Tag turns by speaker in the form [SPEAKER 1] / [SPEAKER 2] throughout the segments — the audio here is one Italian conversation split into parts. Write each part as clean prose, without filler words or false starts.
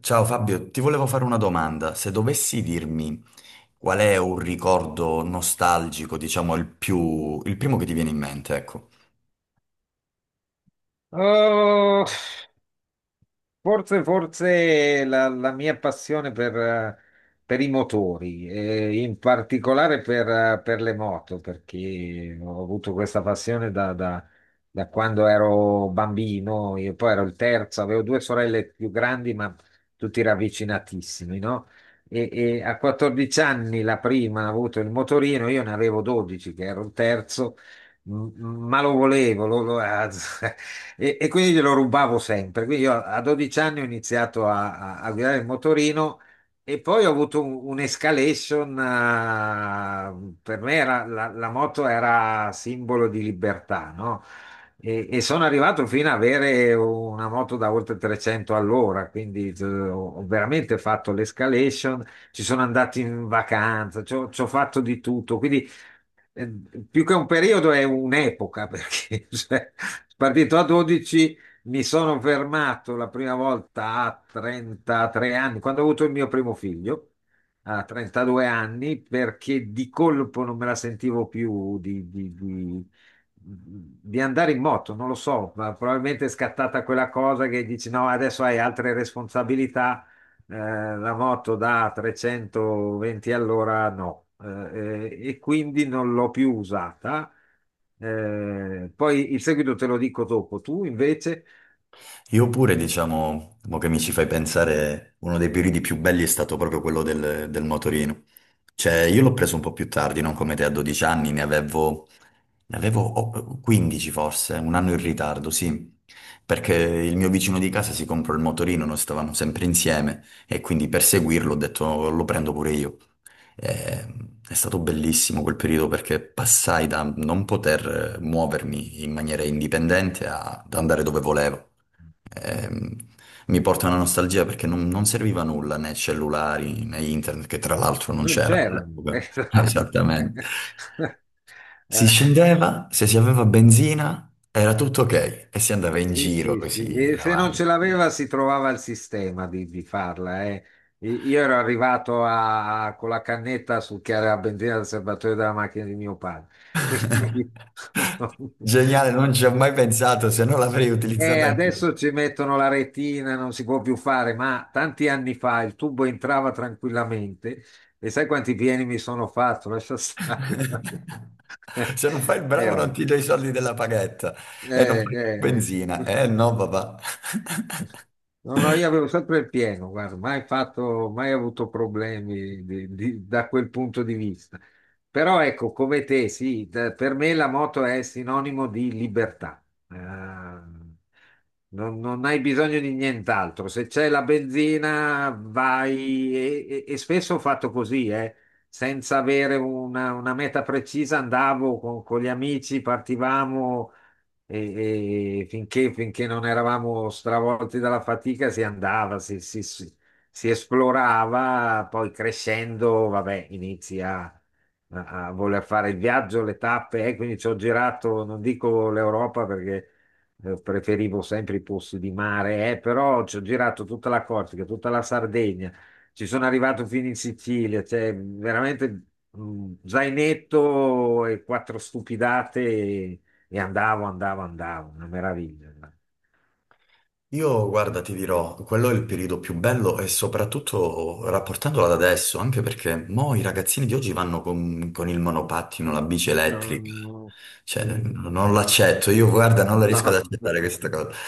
[SPEAKER 1] Ciao Fabio, ti volevo fare una domanda. Se dovessi dirmi qual è un ricordo nostalgico, diciamo il più, il primo che ti viene in mente, ecco.
[SPEAKER 2] Oh, forse la mia passione per i motori, in particolare per le moto, perché ho avuto questa passione da quando ero bambino. Io poi ero il terzo, avevo due sorelle più grandi, ma tutti ravvicinatissimi, no? E a 14 anni la prima ha avuto il motorino, io ne avevo 12, che ero il terzo. M- ma lo volevo. E quindi glielo rubavo sempre. Quindi io a 12 anni ho iniziato a guidare il motorino e poi ho avuto un'escalation. Per me la moto era simbolo di libertà, no? E sono arrivato fino ad avere una moto da oltre 300 all'ora, quindi ho veramente fatto l'escalation, ci sono andato in vacanza, ci ho fatto di tutto. Quindi eh, più che un periodo è un'epoca, perché cioè, partito a 12, mi sono fermato la prima volta a 33 anni, quando ho avuto il mio primo figlio, a 32 anni, perché di colpo non me la sentivo più di andare in moto, non lo so, ma probabilmente è scattata quella cosa che dici no, adesso hai altre responsabilità, eh, la moto da 320 all'ora no, e quindi non l'ho più usata. Poi il seguito te lo dico dopo. Tu invece.
[SPEAKER 1] Io pure, diciamo, mo che mi ci fai pensare, uno dei periodi più belli è stato proprio quello del motorino. Cioè, io l'ho preso un po' più tardi, non come te a 12 anni, ne avevo oh, 15 forse, un anno in ritardo, sì. Perché il mio vicino di casa si comprò il motorino, noi stavamo sempre insieme e quindi per seguirlo ho detto lo prendo pure io. Eh, È stato bellissimo quel periodo perché passai da non poter muovermi in maniera indipendente a- ad andare dove volevo ehm, mi porta una nostalgia perché non serviva nulla né cellulari né internet, che tra l'altro non
[SPEAKER 2] Non
[SPEAKER 1] c'erano
[SPEAKER 2] c'era.
[SPEAKER 1] all'epoca.
[SPEAKER 2] Esatto.
[SPEAKER 1] Esattamente. Si
[SPEAKER 2] Eh,
[SPEAKER 1] scendeva, se si aveva benzina era tutto ok e si andava in
[SPEAKER 2] sì,
[SPEAKER 1] giro
[SPEAKER 2] sì, sì.
[SPEAKER 1] così
[SPEAKER 2] E se non ce
[SPEAKER 1] avanti.
[SPEAKER 2] l'aveva, si trovava il sistema di farla. Io ero arrivato con la cannetta sul chiaro a benzina del serbatoio della macchina di mio padre, quindi
[SPEAKER 1] Geniale, non
[SPEAKER 2] non,
[SPEAKER 1] ci ho mai pensato, se no l'avrei
[SPEAKER 2] E
[SPEAKER 1] utilizzata anch'io.
[SPEAKER 2] adesso ci mettono la retina, non si può più fare, ma tanti anni fa il tubo entrava tranquillamente e sai quanti pieni mi sono fatto? Lascia stare.
[SPEAKER 1] Se non fai il bravo non
[SPEAKER 2] Vabbè.
[SPEAKER 1] ti do i soldi della paghetta e non fai più
[SPEAKER 2] Eh, eh.
[SPEAKER 1] benzina. Eh no, papà.
[SPEAKER 2] No, no, io avevo sempre il pieno, guarda, mai fatto, mai avuto problemi da quel punto di vista. Però ecco, come te, sì, per me la moto è sinonimo di libertà. Eh, non hai bisogno di nient'altro. Se c'è la benzina, vai, e spesso ho fatto così, senza avere una meta precisa. Andavo con gli amici, partivamo, e finché non eravamo stravolti dalla fatica si andava, si esplorava. Poi crescendo, vabbè, inizi a voler fare il viaggio, le tappe, quindi ci ho girato, non dico l'Europa perché preferivo sempre i posti di mare, però ci ho girato tutta la Corsica, tutta la Sardegna, ci sono arrivato fino in Sicilia, cioè veramente. Zainetto e quattro stupidate e andavo, andavo, andavo, una meraviglia.
[SPEAKER 1] Io, guarda, ti dirò, quello è il periodo più bello e soprattutto rapportandolo ad adesso, anche perché mo i ragazzini di oggi vanno con il monopattino, la bici
[SPEAKER 2] No,
[SPEAKER 1] elettrica.
[SPEAKER 2] no, no.
[SPEAKER 1] Cioè,
[SPEAKER 2] Sì.
[SPEAKER 1] non l'accetto, io, guarda, non la riesco ad
[SPEAKER 2] No.
[SPEAKER 1] accettare questa cosa.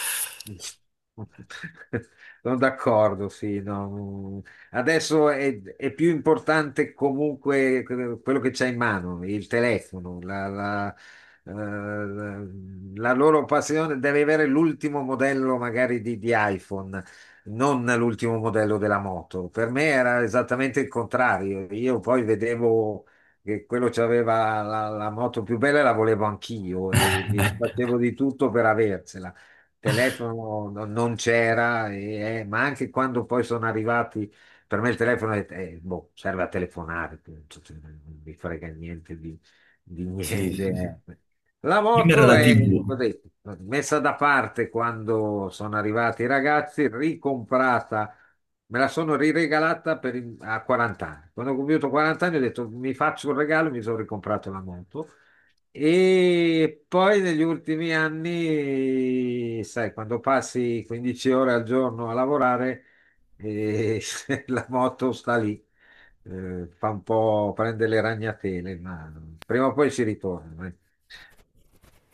[SPEAKER 2] Sono d'accordo, sì. No. Adesso è più importante comunque quello che c'è in mano, il telefono, eh, la- la loro passione deve avere l'ultimo modello magari di iPhone, non l'ultimo modello della moto. Per me era esattamente il contrario. Io poi vedevo che quello c'aveva la moto più bella e la volevo anch'io, e facevo di tutto per aversela. Telefono non c'era, ma anche quando poi sono arrivati, per me il telefono boh, serve a telefonare, punto, cioè, non mi frega niente di
[SPEAKER 1] Sì, sì, sì.
[SPEAKER 2] niente. La
[SPEAKER 1] Prima era
[SPEAKER 2] moto,
[SPEAKER 1] la
[SPEAKER 2] è ho
[SPEAKER 1] TV.
[SPEAKER 2] detto, messa da parte quando sono arrivati i ragazzi, ricomprata. Me la sono riregalata per a 40 anni. Quando ho compiuto 40 anni ho detto mi faccio un regalo, mi sono ricomprato la moto. E poi negli ultimi anni, sai, quando passi 15 ore al giorno a lavorare, eh, la moto sta lì, fa un po', prende le ragnatele, ma prima o poi ci ritorna.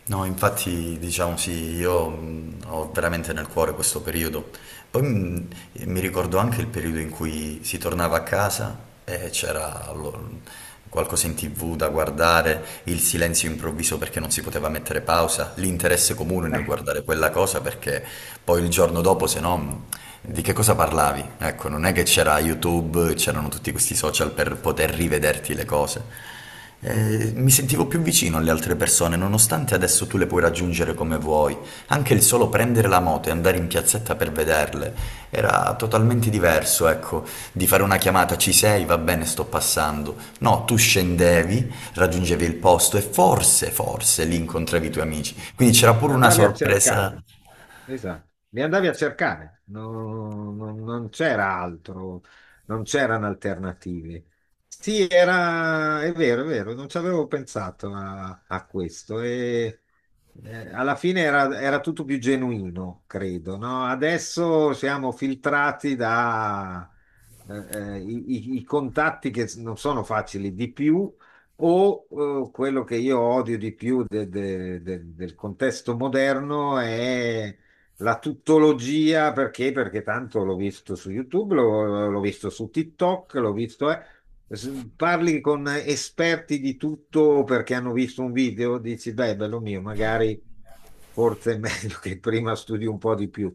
[SPEAKER 1] No, infatti, diciamo sì, io ho veramente nel cuore questo periodo. Poi e mi ricordo anche il periodo in cui si tornava a casa e qualcosa in TV da guardare, il silenzio improvviso perché non si poteva mettere pausa, l'interesse comune nel
[SPEAKER 2] Eh.
[SPEAKER 1] guardare quella cosa perché poi il giorno dopo, se no, di che cosa parlavi? Ecco, non è che c'era YouTube, c'erano tutti questi social per poter rivederti le cose. Mi sentivo più vicino alle altre persone, nonostante adesso tu le puoi raggiungere come vuoi, anche il solo prendere la moto e andare in piazzetta per vederle era totalmente diverso, ecco, di fare una chiamata ci sei, va bene, sto passando. No, tu scendevi, raggiungevi il posto e forse lì incontravi i tuoi
[SPEAKER 2] Eh
[SPEAKER 1] amici.
[SPEAKER 2] sì.
[SPEAKER 1] Quindi c'era pure una
[SPEAKER 2] Andavi a
[SPEAKER 1] sorpresa.
[SPEAKER 2] cercare, esatto, li andavi a cercare, non c'era altro, non c'erano alternative. Sì, è vero, è vero, non ci avevo pensato a questo, e alla fine era tutto più genuino, credo, no? Adesso siamo filtrati da eh, i contatti che non sono facili di più, o quello che io odio di più del contesto moderno è la tuttologia. Perché? Perché tanto l'ho visto su YouTube, l'ho visto su TikTok, l'ho visto. Parli con esperti di tutto perché hanno visto un video, dici, beh, bello mio, magari forse è meglio che prima studi un po' di più.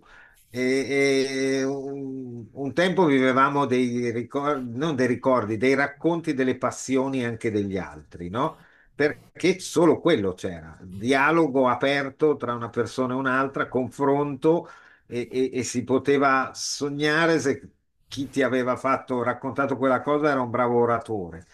[SPEAKER 2] Un tempo vivevamo dei ricordi, non dei ricordi, dei racconti delle passioni anche degli altri, no? Perché solo quello c'era, dialogo aperto tra una persona e un'altra, confronto, e si poteva sognare se chi ti aveva fatto, raccontato quella cosa era un bravo oratore.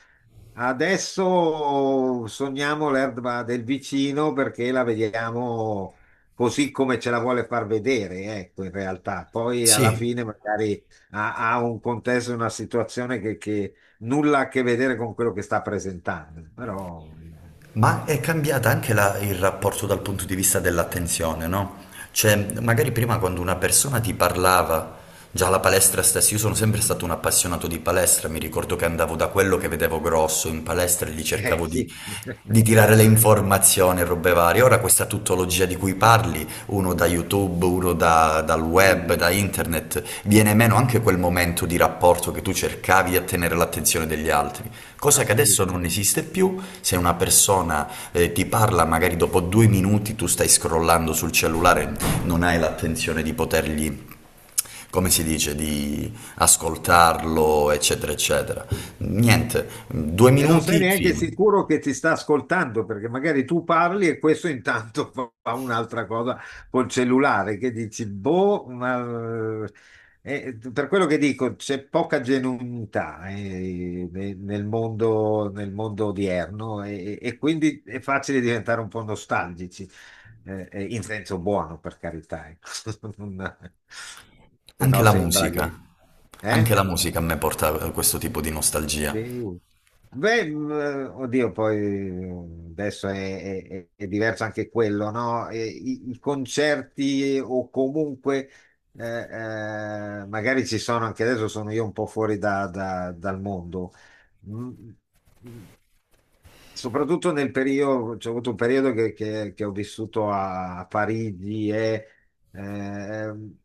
[SPEAKER 2] Adesso sogniamo l'erba del vicino perché la vediamo così come ce la vuole far vedere, ecco, in realtà. Poi alla
[SPEAKER 1] Sì,
[SPEAKER 2] fine magari ha un contesto, una situazione che nulla a che vedere con quello che sta presentando, però
[SPEAKER 1] ma è cambiata anche il rapporto dal punto di vista dell'attenzione, no? Cioè, magari prima quando una persona ti parlava, già la palestra stessa, io sono sempre stato un appassionato di palestra, mi ricordo che andavo da quello che vedevo grosso in palestra e gli cercavo
[SPEAKER 2] sì.
[SPEAKER 1] di tirare le informazioni e robe varie. Ora questa tuttologia di cui parli, uno da YouTube, dal web,
[SPEAKER 2] Mm.
[SPEAKER 1] da internet, viene meno anche quel momento di rapporto che tu cercavi di attenere l'attenzione degli altri, cosa che adesso non
[SPEAKER 2] Assolutamente.
[SPEAKER 1] esiste più, se una persona ti parla magari dopo 2 minuti tu stai scrollando sul cellulare, non hai l'attenzione di potergli come si dice, di ascoltarlo, eccetera, eccetera. Niente, due
[SPEAKER 2] E non sei
[SPEAKER 1] minuti,
[SPEAKER 2] neanche
[SPEAKER 1] fine.
[SPEAKER 2] sicuro che ti sta ascoltando, perché magari tu parli e questo intanto fa un'altra cosa col cellulare, che dici, boh, ma. Per quello che dico, c'è poca genuinità nel mondo odierno, e quindi è facile diventare un po' nostalgici, in senso buono, per carità. Ecco. Non- Se
[SPEAKER 1] Anche
[SPEAKER 2] no
[SPEAKER 1] la
[SPEAKER 2] sembra
[SPEAKER 1] musica,
[SPEAKER 2] che.
[SPEAKER 1] anche
[SPEAKER 2] Eh?
[SPEAKER 1] la musica a me porta a questo tipo di nostalgia.
[SPEAKER 2] Sì. Beh, oddio, poi adesso è diverso anche quello, no? E i concerti o comunque, magari ci sono anche adesso, sono io un po' fuori dal mondo. Mm, mm, Soprattutto nel periodo, c'è avuto un periodo che ho vissuto a Parigi, e eh, ehm,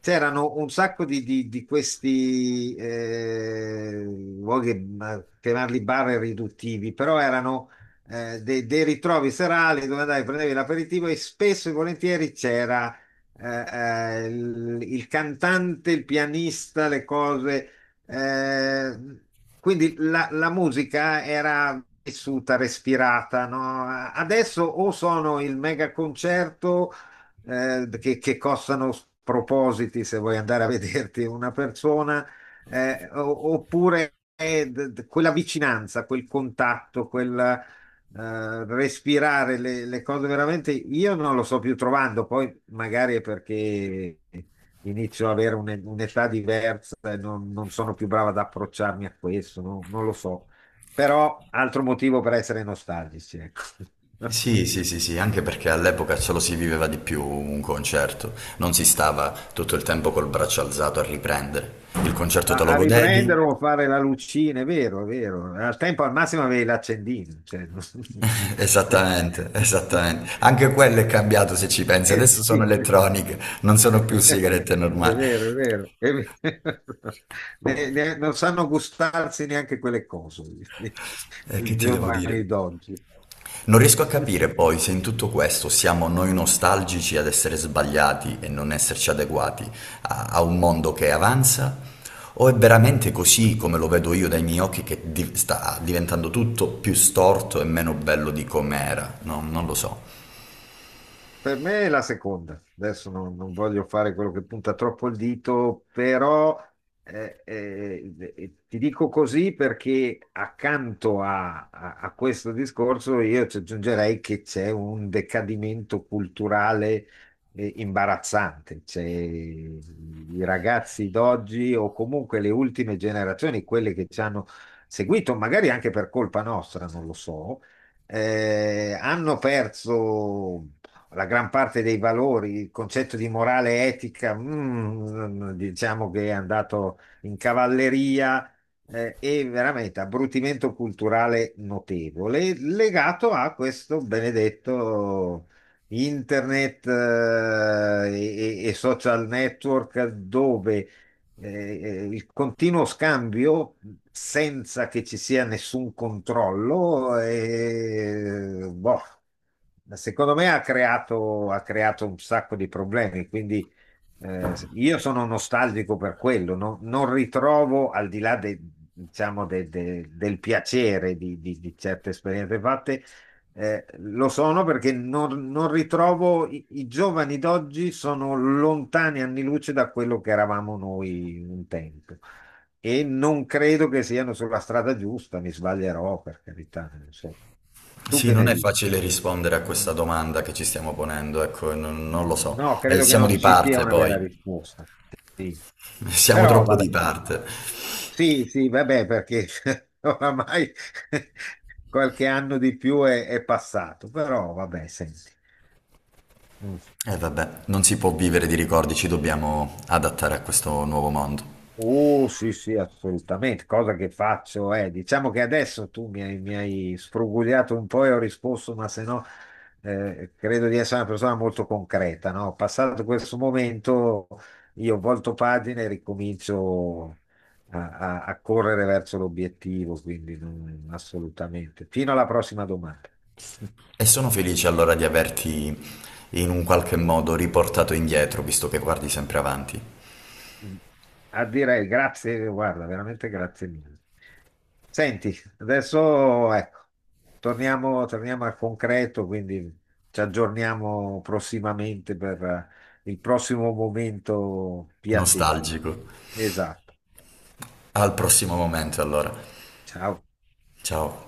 [SPEAKER 2] c'erano un sacco di questi, luoghi, chiamarli bar è riduttivi, però erano dei ritrovi serali dove andavi, prendevi l'aperitivo e spesso e volentieri c'era eh, il cantante, il pianista, le cose. eh, quindi la musica era vissuta, respirata, no? Adesso o sono il mega concerto che costano propositi se vuoi andare a vederti una persona, oppure quella vicinanza, quel contatto, quel respirare le cose veramente, io non lo sto più trovando. Poi magari è perché inizio ad avere un'età diversa e non sono più brava ad approcciarmi a questo, no? Non lo so. Però altro motivo per essere nostalgici, ecco.
[SPEAKER 1] Sì, sì, sì, sì, anche perché all'epoca ce lo si viveva di più un concerto, non si stava tutto il tempo col braccio alzato a riprendere. Il concerto te
[SPEAKER 2] a,
[SPEAKER 1] lo
[SPEAKER 2] a
[SPEAKER 1] godevi?
[SPEAKER 2] riprendere o a fare la lucina, è vero, è vero. Al tempo al massimo avevi l'accendino. Cioè.
[SPEAKER 1] Esattamente, esattamente. Anche quello è cambiato se ci pensi,
[SPEAKER 2] Eh
[SPEAKER 1] adesso sono
[SPEAKER 2] sì.
[SPEAKER 1] elettroniche, non sono più sigarette
[SPEAKER 2] È
[SPEAKER 1] normali.
[SPEAKER 2] vero, è vero, è vero. Non sanno gustarsi neanche quelle cose, i
[SPEAKER 1] Che ti devo dire?
[SPEAKER 2] giovani d'oggi.
[SPEAKER 1] Non riesco a capire poi se in tutto questo siamo noi nostalgici ad essere sbagliati e non esserci adeguati a un mondo che avanza, o è veramente così come lo vedo io dai miei occhi che sta diventando tutto più storto e meno bello di com'era? No, non lo so.
[SPEAKER 2] Per me è la seconda. Adesso non voglio fare quello che punta troppo il dito, però ti dico così perché accanto a questo discorso io ci aggiungerei che c'è un decadimento culturale imbarazzante. I ragazzi d'oggi o comunque le ultime generazioni, quelle che ci hanno seguito, magari anche per colpa nostra, non lo so, hanno perso la gran parte dei valori, il concetto di morale e etica, diciamo che è andato in cavalleria, e veramente abbrutimento culturale notevole, legato a questo benedetto internet e social network dove il continuo scambio senza che ci sia nessun controllo, boh, secondo me ha creato un sacco di problemi. Quindi io sono nostalgico per quello, non ritrovo al di là diciamo, del piacere di certe esperienze fatte, lo sono perché non ritrovo i giovani d'oggi sono lontani anni luce da quello che eravamo noi un tempo, e non credo che siano sulla strada giusta, mi sbaglierò per carità. Non so. Tu
[SPEAKER 1] Sì,
[SPEAKER 2] che
[SPEAKER 1] non
[SPEAKER 2] ne
[SPEAKER 1] è
[SPEAKER 2] dici?
[SPEAKER 1] facile rispondere a questa domanda che ci stiamo ponendo, ecco, non lo so.
[SPEAKER 2] No, credo che
[SPEAKER 1] Siamo
[SPEAKER 2] non
[SPEAKER 1] di
[SPEAKER 2] ci sia
[SPEAKER 1] parte
[SPEAKER 2] una vera
[SPEAKER 1] poi,
[SPEAKER 2] risposta. Sì.
[SPEAKER 1] siamo
[SPEAKER 2] Però
[SPEAKER 1] troppo
[SPEAKER 2] vabbè,
[SPEAKER 1] di parte.
[SPEAKER 2] sì, sì, vabbè, perché oramai qualche anno di più è passato, però vabbè, senti. Mm.
[SPEAKER 1] E vabbè, non si può vivere di ricordi, ci dobbiamo adattare a questo nuovo mondo.
[SPEAKER 2] Oh, sì, sì, assolutamente. Cosa che faccio è, diciamo che adesso tu mi hai sfrugugliato un po' e ho risposto, ma se no, credo di essere una persona molto concreta, no? Passato questo momento, io volto pagina e ricomincio a correre verso l'obiettivo, quindi assolutamente. Fino alla prossima domanda.
[SPEAKER 1] E sono felice allora di averti in un qualche modo riportato indietro, visto che guardi sempre avanti.
[SPEAKER 2] A dire grazie, guarda, veramente grazie mille. Senti, adesso ecco, torniamo, torniamo al concreto, quindi ci aggiorniamo prossimamente per il prossimo momento piacevole.
[SPEAKER 1] Nostalgico.
[SPEAKER 2] Esatto.
[SPEAKER 1] Al prossimo momento allora.
[SPEAKER 2] Ciao.
[SPEAKER 1] Ciao.